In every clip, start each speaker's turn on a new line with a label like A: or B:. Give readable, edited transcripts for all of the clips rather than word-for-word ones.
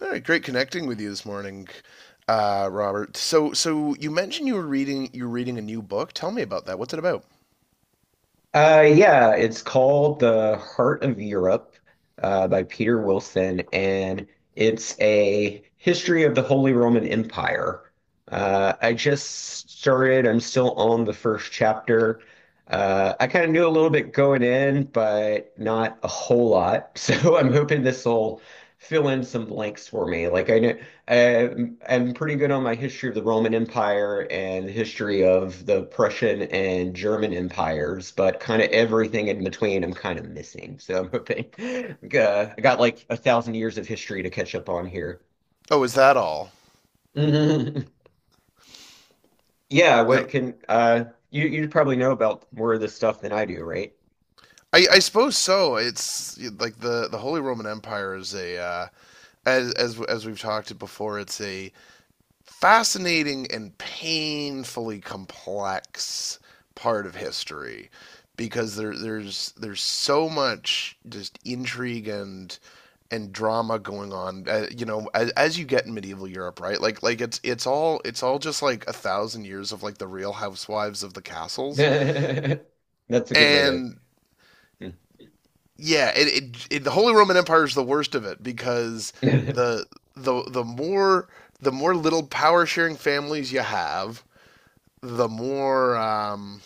A: All right, great connecting with you this morning, Robert. So you mentioned you're reading a new book. Tell me about that. What's it about?
B: Yeah, it's called The Heart of Europe by Peter Wilson, and it's a history of the Holy Roman Empire. I just started, I'm still on the first chapter. I kind of knew a little bit going in, but not a whole lot. So I'm hoping this will fill in some blanks for me. Like I know I'm pretty good on my history of the Roman Empire and the history of the Prussian and German empires, but kind of everything in between I'm kind of missing. So I'm hoping I got like a thousand years of history to catch up on here.
A: Oh, is that all?
B: Yeah,
A: No,
B: what can you probably know about more of this stuff than I do, right?
A: I suppose so. It's like the Holy Roman Empire is a as we've talked it before. It's a fascinating and painfully complex part of history because there's so much just intrigue and drama going on, you know, as you get in medieval Europe, right, like it's all just like a thousand years of like the real housewives of the castles.
B: That's a good way
A: And yeah, it, the Holy Roman Empire is the worst of it because
B: to.
A: the the the more the more little power sharing families you have, the more,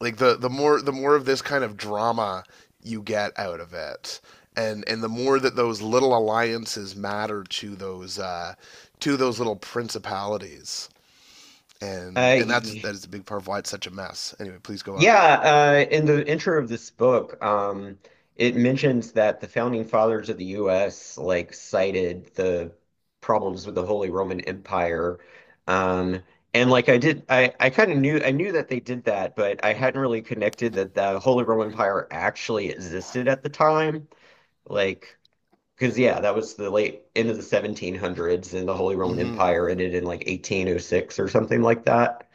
A: like the more of this kind of drama you get out of it, and the more that those little alliances matter to those, to those little principalities, and
B: Uh,
A: that is a big part of why it's such a mess. Anyway, please go on.
B: Yeah, in the intro of this book, it mentions that the founding fathers of the U.S. like cited the problems with the Holy Roman Empire, um, and like I kind of knew I knew that they did that, but I hadn't really connected that the Holy Roman Empire actually existed at the time, like because yeah, that was the late end of the 1700s, and the Holy Roman
A: Mm-hmm.
B: Empire ended in like 1806 or something like that.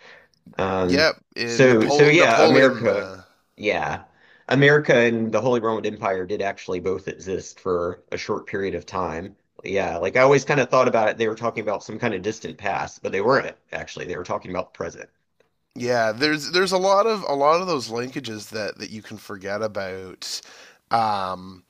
B: Um,
A: Yep, in
B: so
A: Napoleon.
B: Yeah. America and the Holy Roman Empire did actually both exist for a short period of time. Yeah, like I always kind of thought about it, they were talking about some kind of distant past, but they weren't actually. They were talking about the
A: Yeah, there's a lot of those linkages that that you can forget about. Um,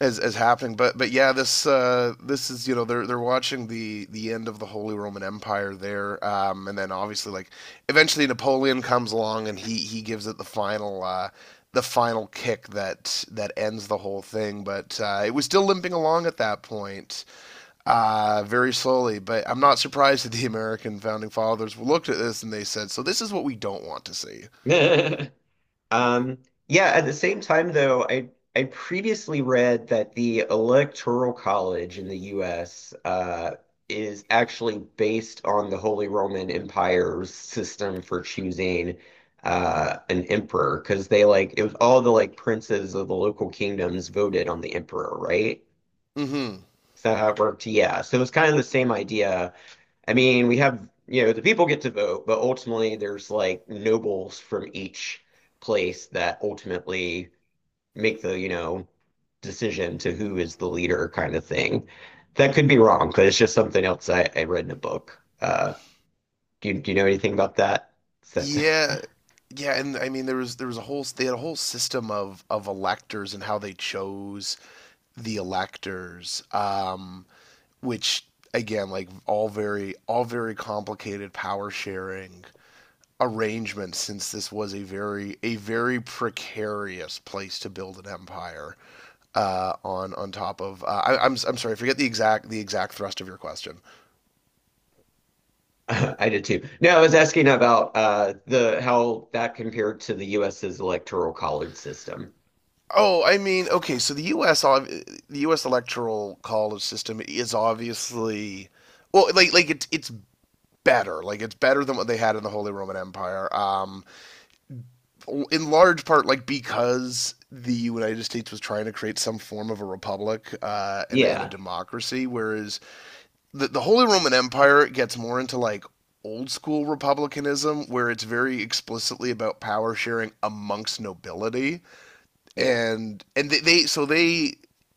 A: as happening. But yeah, this, this is, you know, they're watching the end of the Holy Roman Empire there, and then obviously like eventually Napoleon comes along and he gives it the final. The final kick that that ends the whole thing. But, it was still limping along at that point, very slowly. But I'm not surprised that the American founding fathers looked at this and they said, "So this is what we don't want to see."
B: present. Um, yeah, at the same time, though, I previously read that the Electoral College in the US is actually based on the Holy Roman Empire's system for choosing an emperor, because they like it was all the like princes of the local kingdoms voted on the emperor, right?
A: Mm-hmm.
B: Is that how it worked? Yeah, so it was kind of the same idea. I mean, we have, you know, the people get to vote, but ultimately there's like nobles from each place that ultimately make the, you know, decision to who is the leader kind of thing. That could be wrong, but it's just something else I read in a book. Do you know anything about that? That's
A: Yeah, yeah, and I mean there was a whole they had a whole system of electors and how they chose the electors, which again like all very complicated power sharing arrangements since this was a very precarious place to build an empire, on top of, I'm sorry, I forget the exact thrust of your question.
B: I did too. No, I was asking about the how that compared to the US's electoral college system.
A: Oh, I mean, okay, so the U.S. The U.S. electoral college system is obviously, well, like it's better, like it's better than what they had in the Holy Roman Empire. In large part, like because the United States was trying to create some form of a republic, and a
B: Yeah,
A: democracy, whereas the Holy Roman Empire gets more into like old school republicanism where it's very explicitly about power sharing amongst nobility.
B: yeah,
A: And they so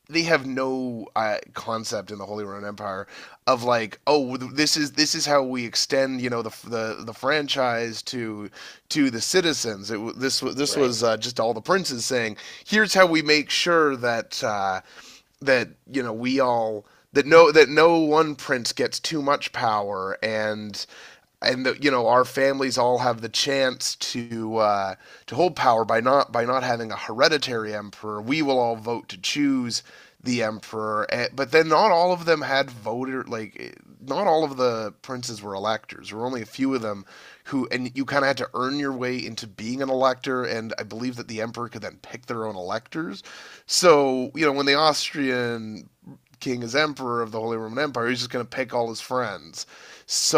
A: they have no, concept in the Holy Roman Empire of like, oh, this is how we extend, you know, the franchise to the citizens. This this
B: right.
A: was, just all the princes saying, here's how we make sure that, that you know we all that that no one prince gets too much power and the, you know, our families all have the chance to, to hold power by not having a hereditary emperor. We will all vote to choose the emperor, but then not all of them had not all of the princes were electors. There were only a few of them who, and you kind of had to earn your way into being an elector. And I believe that the emperor could then pick their own electors. So you know when the Austrian king is emperor of the Holy Roman Empire. He's just going to pick all his friends.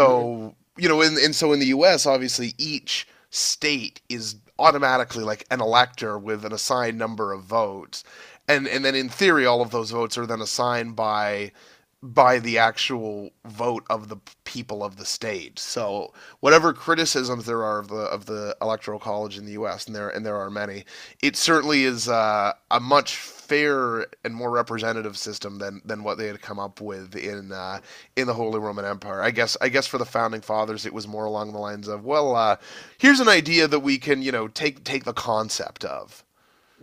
B: Mm-hmm.
A: you know, and so in the U.S., obviously, each state is automatically like an elector with an assigned number of votes, and then in theory, all of those votes are then assigned by the actual vote of the people of the state. So whatever criticisms there are of the electoral college in the U.S., and there are many, it certainly is, a much fairer and more representative system than what they had come up with in, in the Holy Roman Empire. I guess for the founding fathers, it was more along the lines of, well, here's an idea that we can, you know, take the concept of.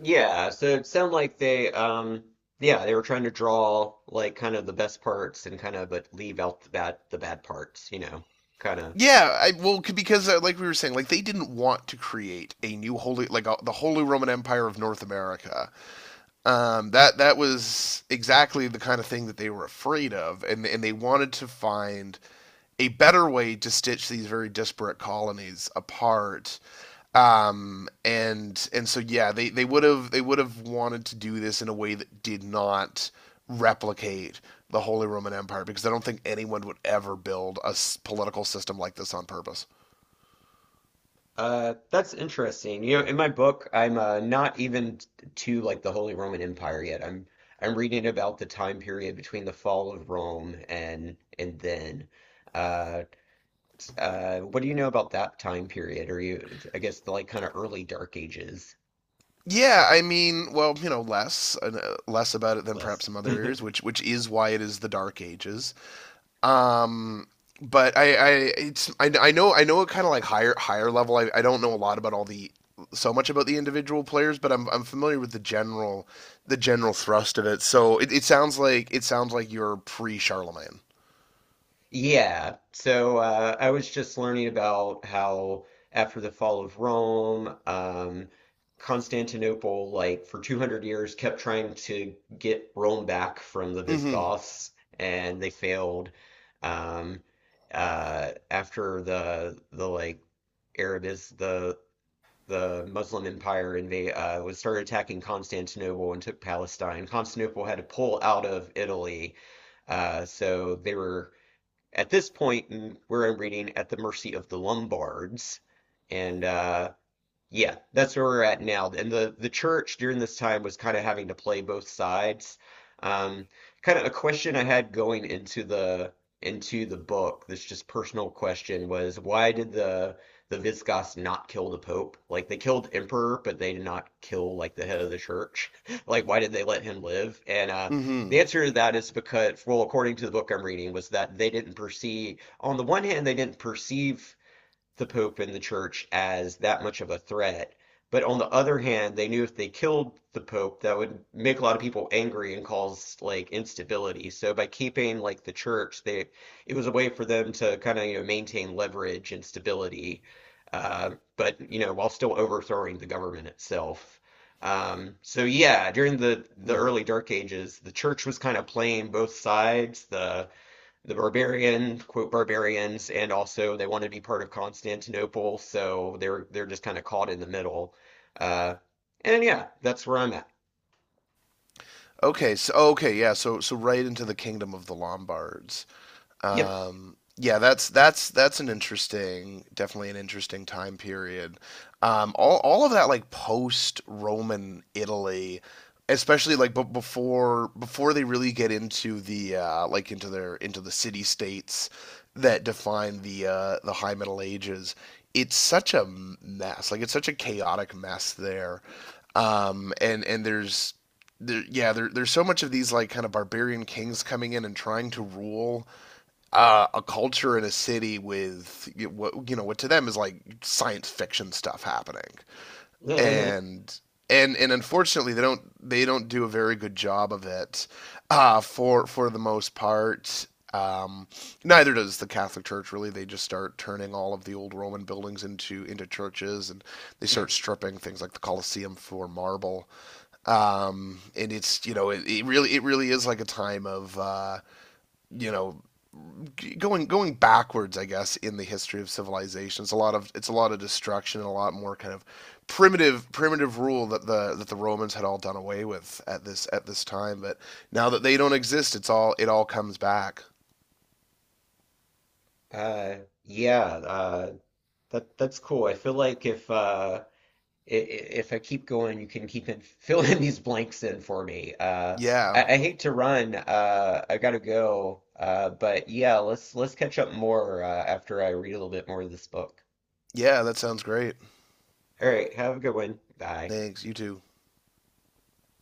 B: Yeah, so it sounded like they, yeah, they were trying to draw like kind of the best parts and kind of but leave out the bad parts, you know, kind of.
A: Yeah, I, well, because, like we were saying, like they didn't want to create a new holy, like, the Holy Roman Empire of North America. That was exactly the kind of thing that they were afraid of, and they wanted to find a better way to stitch these very disparate colonies apart. And so yeah, they would have wanted to do this in a way that did not replicate the Holy Roman Empire, because I don't think anyone would ever build a political system like this on purpose.
B: That's interesting. You know, in my book, I'm not even to like the Holy Roman Empire yet. I'm reading about the time period between the fall of Rome and then. Uh, what do you know about that time period? Are you, I guess, the like kind of early Dark Ages?
A: Yeah, I mean, well, you know, less, less about it than perhaps
B: Less.
A: some other areas, which is why it is the Dark Ages. Um, but I it's, I know, I know a kind of like higher level. I don't know a lot about all the so much about the individual players, but I'm familiar with the general thrust of it. So it sounds like you're pre Charlemagne.
B: Yeah. So I was just learning about how after the fall of Rome, Constantinople, like for 200 years, kept trying to get Rome back from the
A: Mm-hmm.
B: Visigoths, and they failed. Um, After the like Arab is the Muslim Empire invade was started attacking Constantinople and took Palestine. Constantinople had to pull out of Italy. So they were at this point, we're reading At the Mercy of the Lombards, and yeah, that's where we're at now. And the church during this time was kind of having to play both sides. Um, Kind of a question I had going into the book, this just personal question was why did the Visigoths not kill the Pope? Like they killed Emperor, but they did not kill like the head of the church. Like why did they let him live? And the
A: Mm-hmm.
B: answer to that is because, well, according to the book I'm reading, was that they didn't perceive, on the one hand, they didn't perceive the Pope and the church as that much of a threat. But on the other hand, they knew if they killed the Pope, that would make a lot of people angry and cause like instability. So by keeping like the church, they it was a way for them to kind of you know maintain leverage and stability, but you know while still overthrowing the government itself. So yeah, during the
A: Mm.
B: early Dark Ages, the church was kind of playing both sides. The barbarian, quote, barbarians, and also they want to be part of Constantinople, so they're just kind of caught in the middle. Uh, and yeah, that's where I'm at.
A: Okay. So okay. Yeah. So right into the kingdom of the Lombards.
B: Yep.
A: Yeah, that's an interesting, definitely an interesting time period. All of that like post-Roman Italy, especially like but before they really get into the, like into their into the city states that define the, the High Middle Ages. It's such a mess. Like it's such a chaotic mess there. And yeah, there, there's so much of these like kind of barbarian kings coming in and trying to rule, a culture in a city with what you know what to them is like science fiction stuff happening, and and unfortunately they don't do a very good job of it, for the most part. Um, neither does the Catholic Church really. They just start turning all of the old Roman buildings into churches, and they start stripping things like the Colosseum for marble. And it's, you know, it really is like a time of, you know, going backwards, I guess, in the history of civilization. It's a lot of destruction and a lot more kind of primitive rule that the Romans had all done away with at this time. But now that they don't exist, it's all comes back.
B: Uh, yeah, uh, that that's cool. I feel like if if I keep going, you can keep in, filling these blanks in for me.
A: Yeah,
B: I hate to run. I gotta go. But yeah, let's catch up more after I read a little bit more of this book.
A: yeah, that sounds great.
B: All right, have a good one. Bye.
A: Thanks, you too.